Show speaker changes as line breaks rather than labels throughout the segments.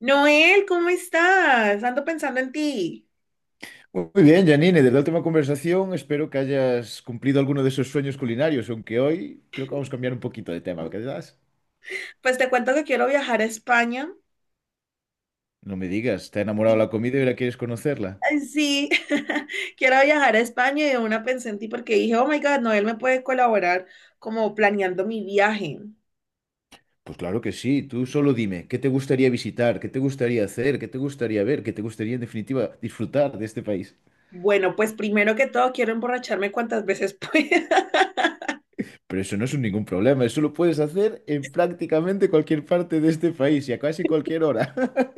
Noel, ¿cómo estás? Ando pensando en ti.
Muy bien, Janine, de la última conversación espero que hayas cumplido alguno de esos sueños culinarios, aunque hoy creo que vamos a cambiar un poquito de tema, ¿verdad?
Pues te cuento que quiero viajar a España.
No me digas, ¿te ha enamorado
Y-
la comida y ahora quieres conocerla?
Ay, sí, quiero viajar a España y de una pensé en ti porque dije, oh my God, Noel me puede colaborar como planeando mi viaje.
Pues claro que sí, tú solo dime, ¿qué te gustaría visitar? ¿Qué te gustaría hacer? ¿Qué te gustaría ver? ¿Qué te gustaría en definitiva disfrutar de este país?
Bueno, pues primero que todo quiero emborracharme cuantas veces pueda.
Pero eso no es un ningún problema, eso lo puedes hacer en prácticamente cualquier parte de este país y a casi cualquier hora.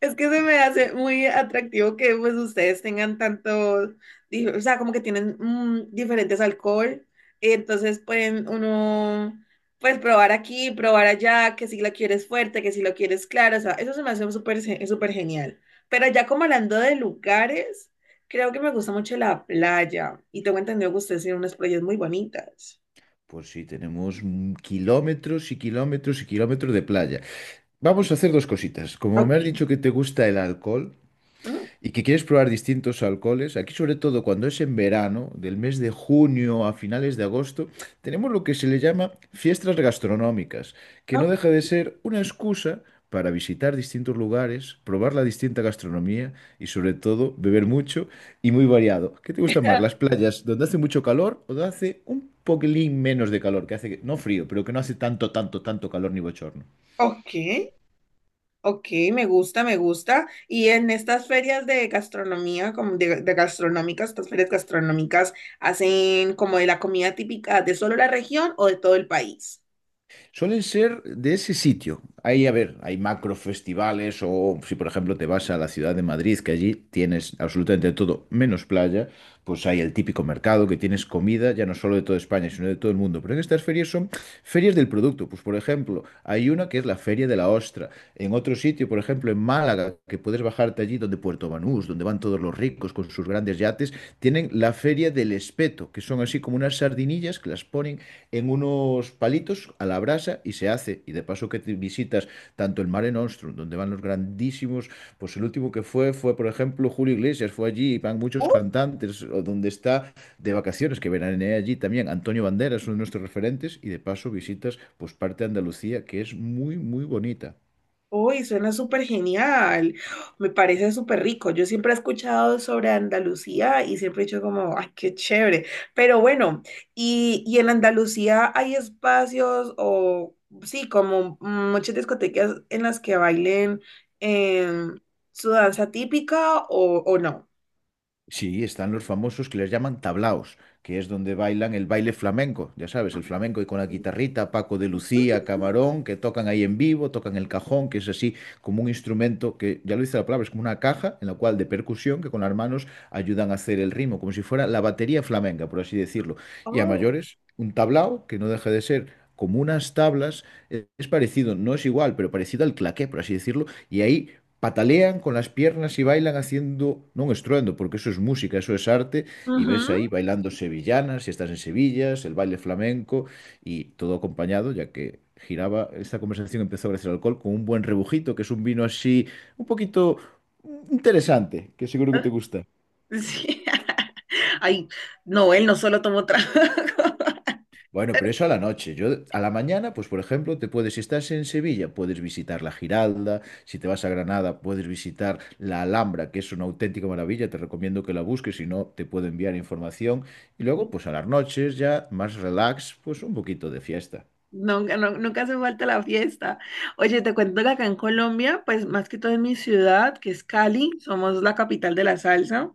Es que se me hace muy atractivo que pues ustedes tengan tanto, o sea, como que tienen diferentes alcohol, entonces pueden uno, pues probar aquí, probar allá, que si la quieres fuerte, que si lo quieres claro, o sea, eso se me hace súper genial. Pero ya como hablando de lugares, creo que me gusta mucho la playa y tengo entendido que ustedes tienen unas playas muy bonitas.
Pues sí, tenemos kilómetros y kilómetros y kilómetros de playa. Vamos a hacer dos cositas. Como
Ok.
me has dicho que te gusta el alcohol,
Mm,
y que quieres probar distintos alcoholes, aquí sobre todo cuando es en verano, del mes de junio a finales de agosto, tenemos lo que se le llama fiestas gastronómicas, que no
ok.
deja de ser una excusa para visitar distintos lugares, probar la distinta gastronomía y sobre todo beber mucho y muy variado. ¿Qué te gusta más, las playas donde hace mucho calor o donde hace un poquilín menos de calor, que hace que, no frío, pero que no hace tanto, tanto, tanto calor ni bochorno?
Ok. Ok, me gusta, me gusta. Y en estas ferias de gastronomía, como de gastronómicas, estas ferias gastronómicas, ¿hacen como de la comida típica de solo la región o de todo el país?
Suelen ser de ese sitio. Ahí, a ver, hay macro festivales o si por ejemplo te vas a la ciudad de Madrid, que allí tienes absolutamente todo, menos playa, pues hay el típico mercado que tienes comida, ya no solo de toda España, sino de todo el mundo. Pero en estas ferias son ferias del producto. Pues por ejemplo, hay una que es la Feria de la Ostra. En otro sitio, por ejemplo, en Málaga, que puedes bajarte allí donde Puerto Banús, donde van todos los ricos con sus grandes yates, tienen la Feria del Espeto, que son así como unas sardinillas que las ponen en unos palitos a la brasa y se hace. Y de paso que te visitas tanto el Mare Nostrum, donde van los grandísimos, pues el último que fue, por ejemplo, Julio Iglesias, fue allí, y van muchos cantantes, o donde está de vacaciones, que veranea allí también Antonio Banderas, uno de nuestros referentes, y de paso visitas pues parte de Andalucía, que es muy, muy bonita.
Uy, suena súper genial. Me parece súper rico. Yo siempre he escuchado sobre Andalucía y siempre he dicho como, ay, qué chévere. Pero bueno, ¿y en Andalucía hay espacios o sí, como muchas discotecas en las que bailen em, su danza típica o no?
Sí, están los famosos que les llaman tablaos, que es donde bailan el baile flamenco, ya sabes, el flamenco y con la guitarrita, Paco de Lucía, Camarón, que tocan ahí en vivo, tocan el cajón, que es así como un instrumento que, ya lo dice la palabra, es como una caja en la cual de percusión que con las manos ayudan a hacer el ritmo, como si fuera la batería flamenca, por así decirlo. Y a
Oh.
mayores, un tablao que no deja de ser como unas tablas, es parecido, no es igual, pero parecido al claqué, por así decirlo, y ahí patalean con las piernas y bailan haciendo, no estruendo, porque eso es música, eso es arte, y ves
Ujú.
ahí bailando sevillanas, si estás en Sevilla, el baile flamenco, y todo acompañado, ya que giraba, esta conversación empezó gracias al alcohol, con un buen rebujito, que es un vino así, un poquito interesante, que seguro que te gusta.
Sí. Ay, no, él no solo tomó trago.
Bueno, pero eso a la noche. Yo a la mañana, pues por ejemplo, te puedes, si estás en Sevilla, puedes visitar la Giralda, si te vas a Granada, puedes visitar la Alhambra, que es una auténtica maravilla, te recomiendo que la busques, si no, te puedo enviar información. Y luego, pues a las noches ya, más relax, pues un poquito de fiesta.
Nunca hace falta la fiesta. Oye, te cuento que acá en Colombia, pues más que todo en mi ciudad, que es Cali, somos la capital de la salsa,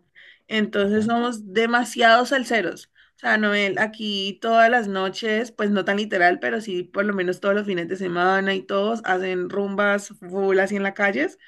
entonces
Ajá.
somos demasiados salseros. O sea, Noel, aquí todas las noches, pues no tan literal, pero sí por lo menos todos los fines de semana y todos hacen rumbas full así en las calles.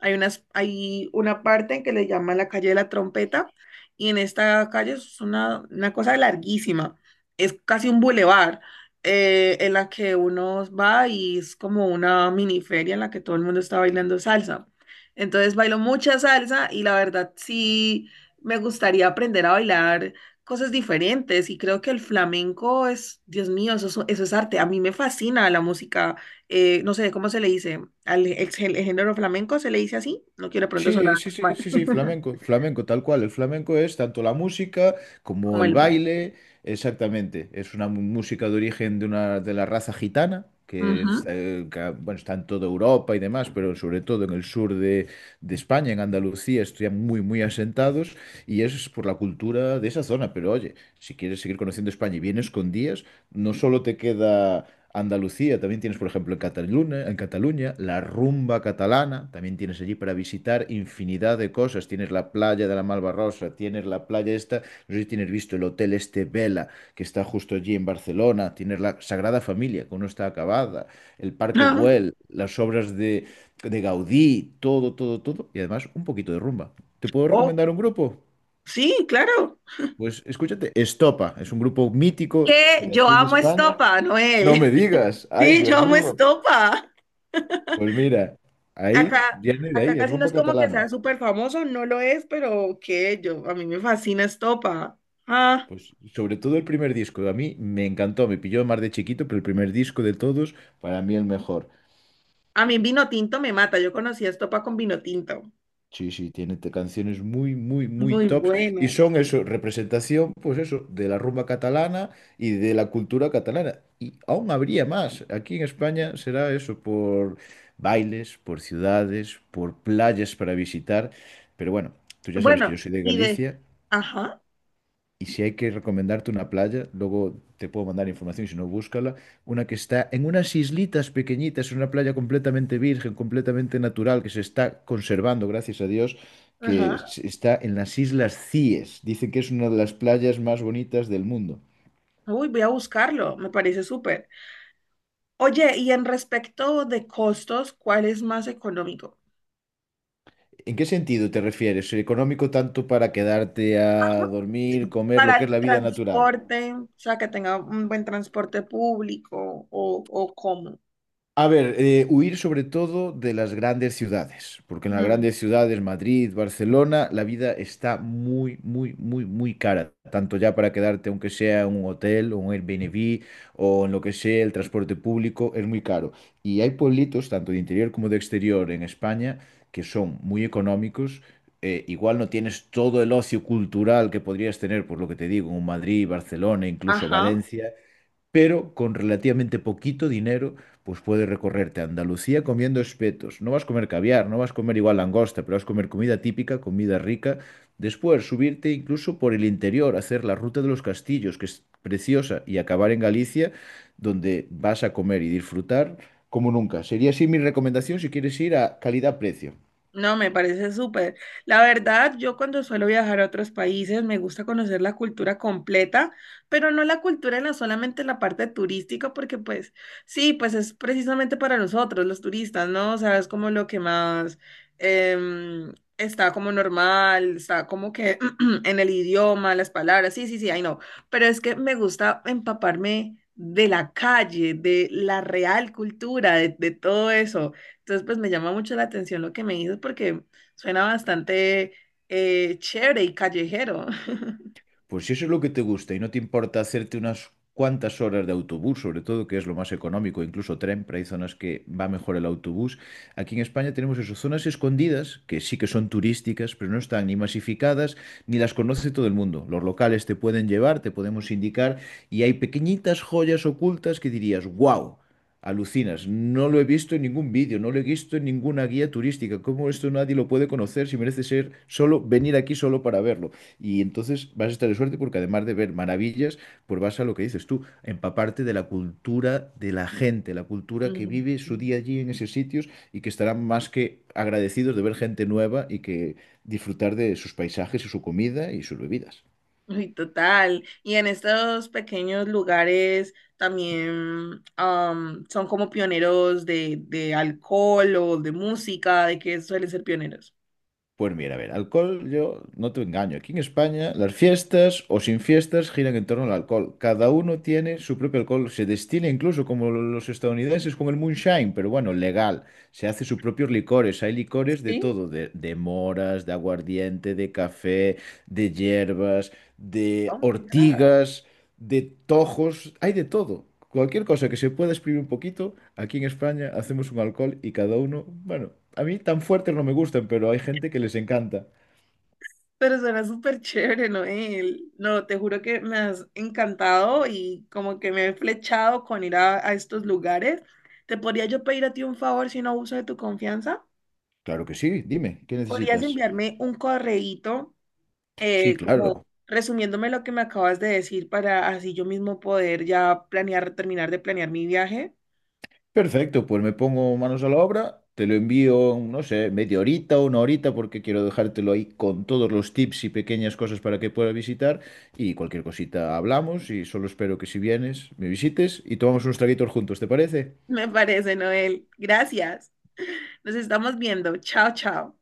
Hay una parte en que le llaman la calle de la trompeta y en esta calle es una cosa larguísima, es casi un bulevar en la que uno va y es como una mini feria en la que todo el mundo está bailando salsa. Entonces bailo mucha salsa y la verdad sí me gustaría aprender a bailar cosas diferentes y creo que el flamenco es, Dios mío, eso, eso es arte. A mí me fascina la música, no sé, ¿cómo se le dice? El género flamenco se le dice así. No quiero de pronto sonar
Sí, sí, sí,
mal,
sí, sí, flamenco, flamenco, tal cual. El flamenco es tanto la música como
como
el
el baile.
baile, exactamente. Es una música de origen de una de la raza gitana, que es,
Ujú.
que, bueno, está en toda Europa y demás, pero sobre todo en el sur de España, en Andalucía, están muy, muy asentados y eso es por la cultura de esa zona. Pero oye, si quieres seguir conociendo España y vienes con días, no solo te queda Andalucía, también tienes, por ejemplo, en Cataluña, la rumba catalana, también tienes allí para visitar infinidad de cosas. Tienes la playa de la Malvarrosa, tienes la playa esta, no sé si tienes visto el hotel este Vela, que está justo allí en Barcelona, tienes la Sagrada Familia, que aún no está acabada, el Parque
Ah,
Güell, las obras de Gaudí, todo, todo, todo, y además un poquito de rumba. ¿Te puedo
oh,
recomendar un grupo?
sí, claro.
Pues escúchate, Estopa, es un grupo mítico
Que
de
yo
aquí de
amo
España.
estopa,
No me
Noel.
digas, ay
Sí, yo
Dios
amo
mío.
estopa.
Pues mira, ahí
Acá,
viene de
acá
ahí, es
casi no
rumba
es como que
catalana.
sea súper famoso, no lo es, pero que yo, a mí me fascina estopa. Ah,
Pues sobre todo el primer disco, a mí me encantó, me pilló más de chiquito, pero el primer disco de todos, para mí el mejor.
a mí vino tinto me mata. Yo conocí estopa con vino tinto.
Sí, sí, tiene canciones muy, muy, muy
Muy
tops y
bueno.
son eso, representación, pues eso, de la rumba catalana y de la cultura catalana. Y aún habría más. Aquí en España será eso, por bailes, por ciudades, por playas para visitar. Pero bueno, tú ya sabes que yo
Bueno,
soy de
y de.
Galicia.
Ajá,
Y si hay que recomendarte una playa, luego te puedo mandar información, si no, búscala. Una que está en unas islitas pequeñitas, una playa completamente virgen, completamente natural, que se está conservando, gracias a Dios, que
ajá.
está en las Islas Cíes. Dicen que es una de las playas más bonitas del mundo.
Uy, voy a buscarlo, me parece súper. Oye, y en respecto de costos, ¿cuál es más económico?
¿En qué sentido te refieres? ¿Económico tanto para quedarte a dormir, comer, lo
Para
que es
el
la vida natural?
transporte, o sea, que tenga un buen transporte público o cómo.
A ver, huir sobre todo de las grandes ciudades, porque en las
Mm,
grandes ciudades, Madrid, Barcelona, la vida está muy, muy, muy, muy cara. Tanto ya para quedarte, aunque sea en un hotel, o un Airbnb, o en lo que sea, el transporte público, es muy caro. Y hay pueblitos, tanto de interior como de exterior en España, que son muy económicos. Igual no tienes todo el ocio cultural que podrías tener, por lo que te digo, en un Madrid, Barcelona, incluso
ajá.
Valencia, pero con relativamente poquito dinero, pues puedes recorrerte a Andalucía comiendo espetos. No vas a comer caviar, no vas a comer igual langosta, pero vas a comer comida típica, comida rica. Después, subirte incluso por el interior, hacer la ruta de los castillos, que es preciosa, y acabar en Galicia, donde vas a comer y disfrutar como nunca. Sería así mi recomendación si quieres ir a calidad-precio.
No, me parece súper. La verdad, yo cuando suelo viajar a otros países me gusta conocer la cultura completa, pero no la cultura en la solamente la parte turística, porque pues sí, pues es precisamente para nosotros, los turistas, ¿no? O sea, es como lo que más está como normal, está como que en el idioma, las palabras, sí, sí, sí, ay no, pero es que me gusta empaparme de la calle, de la real cultura, de todo eso. Entonces, pues me llama mucho la atención lo que me dices porque suena bastante chévere y callejero.
Pues si eso es lo que te gusta y no te importa hacerte unas cuantas horas de autobús, sobre todo, que es lo más económico, incluso tren, pero hay zonas que va mejor el autobús. Aquí en España tenemos eso, zonas escondidas, que sí que son turísticas, pero no están ni masificadas, ni las conoce todo el mundo. Los locales te pueden llevar, te podemos indicar, y hay pequeñitas joyas ocultas que dirías, wow. Alucinas, no lo he visto en ningún vídeo, no lo he visto en ninguna guía turística. ¿Cómo esto nadie lo puede conocer si merece ser solo venir aquí solo para verlo? Y entonces vas a estar de suerte porque además de ver maravillas, pues vas a lo que dices tú, empaparte de la cultura de la gente, la cultura que
Mm.
vive su día allí en esos sitios y que estarán más que agradecidos de ver gente nueva y que disfrutar de sus paisajes y su comida y sus bebidas.
Uy, total. Y en estos pequeños lugares también son como pioneros de alcohol o de música, ¿de qué suelen ser pioneros?
Pues mira, a ver, alcohol, yo no te engaño. Aquí en España, las fiestas o sin fiestas giran en torno al alcohol. Cada uno tiene su propio alcohol. Se destila incluso como los estadounidenses con el moonshine, pero bueno, legal. Se hace sus propios licores. Hay licores de
Sí,
todo, de moras, de aguardiente, de café, de hierbas, de
oh my God.
ortigas de tojos, hay de todo. Cualquier cosa que se pueda exprimir un poquito, aquí en España hacemos un alcohol y cada uno, bueno, a mí tan fuertes no me gustan, pero hay gente que les encanta.
Pero suena súper chévere, Noel. No, te juro que me has encantado y como que me he flechado con ir a estos lugares. ¿Te podría yo pedir a ti un favor si no abuso de tu confianza?
Claro que sí, dime, ¿qué
¿Podrías
necesitas?
enviarme un correíto
Sí,
como
claro.
resumiéndome lo que me acabas de decir para así yo mismo poder ya planear, terminar de planear mi viaje?
Perfecto, pues me pongo manos a la obra, te lo envío, no sé, media horita o una horita, porque quiero dejártelo ahí con todos los tips y pequeñas cosas para que puedas visitar. Y cualquier cosita hablamos y solo espero que si vienes, me visites y tomamos unos traguitos juntos, ¿te parece?
Me parece, Noel. Gracias. Nos estamos viendo. Chao, chao.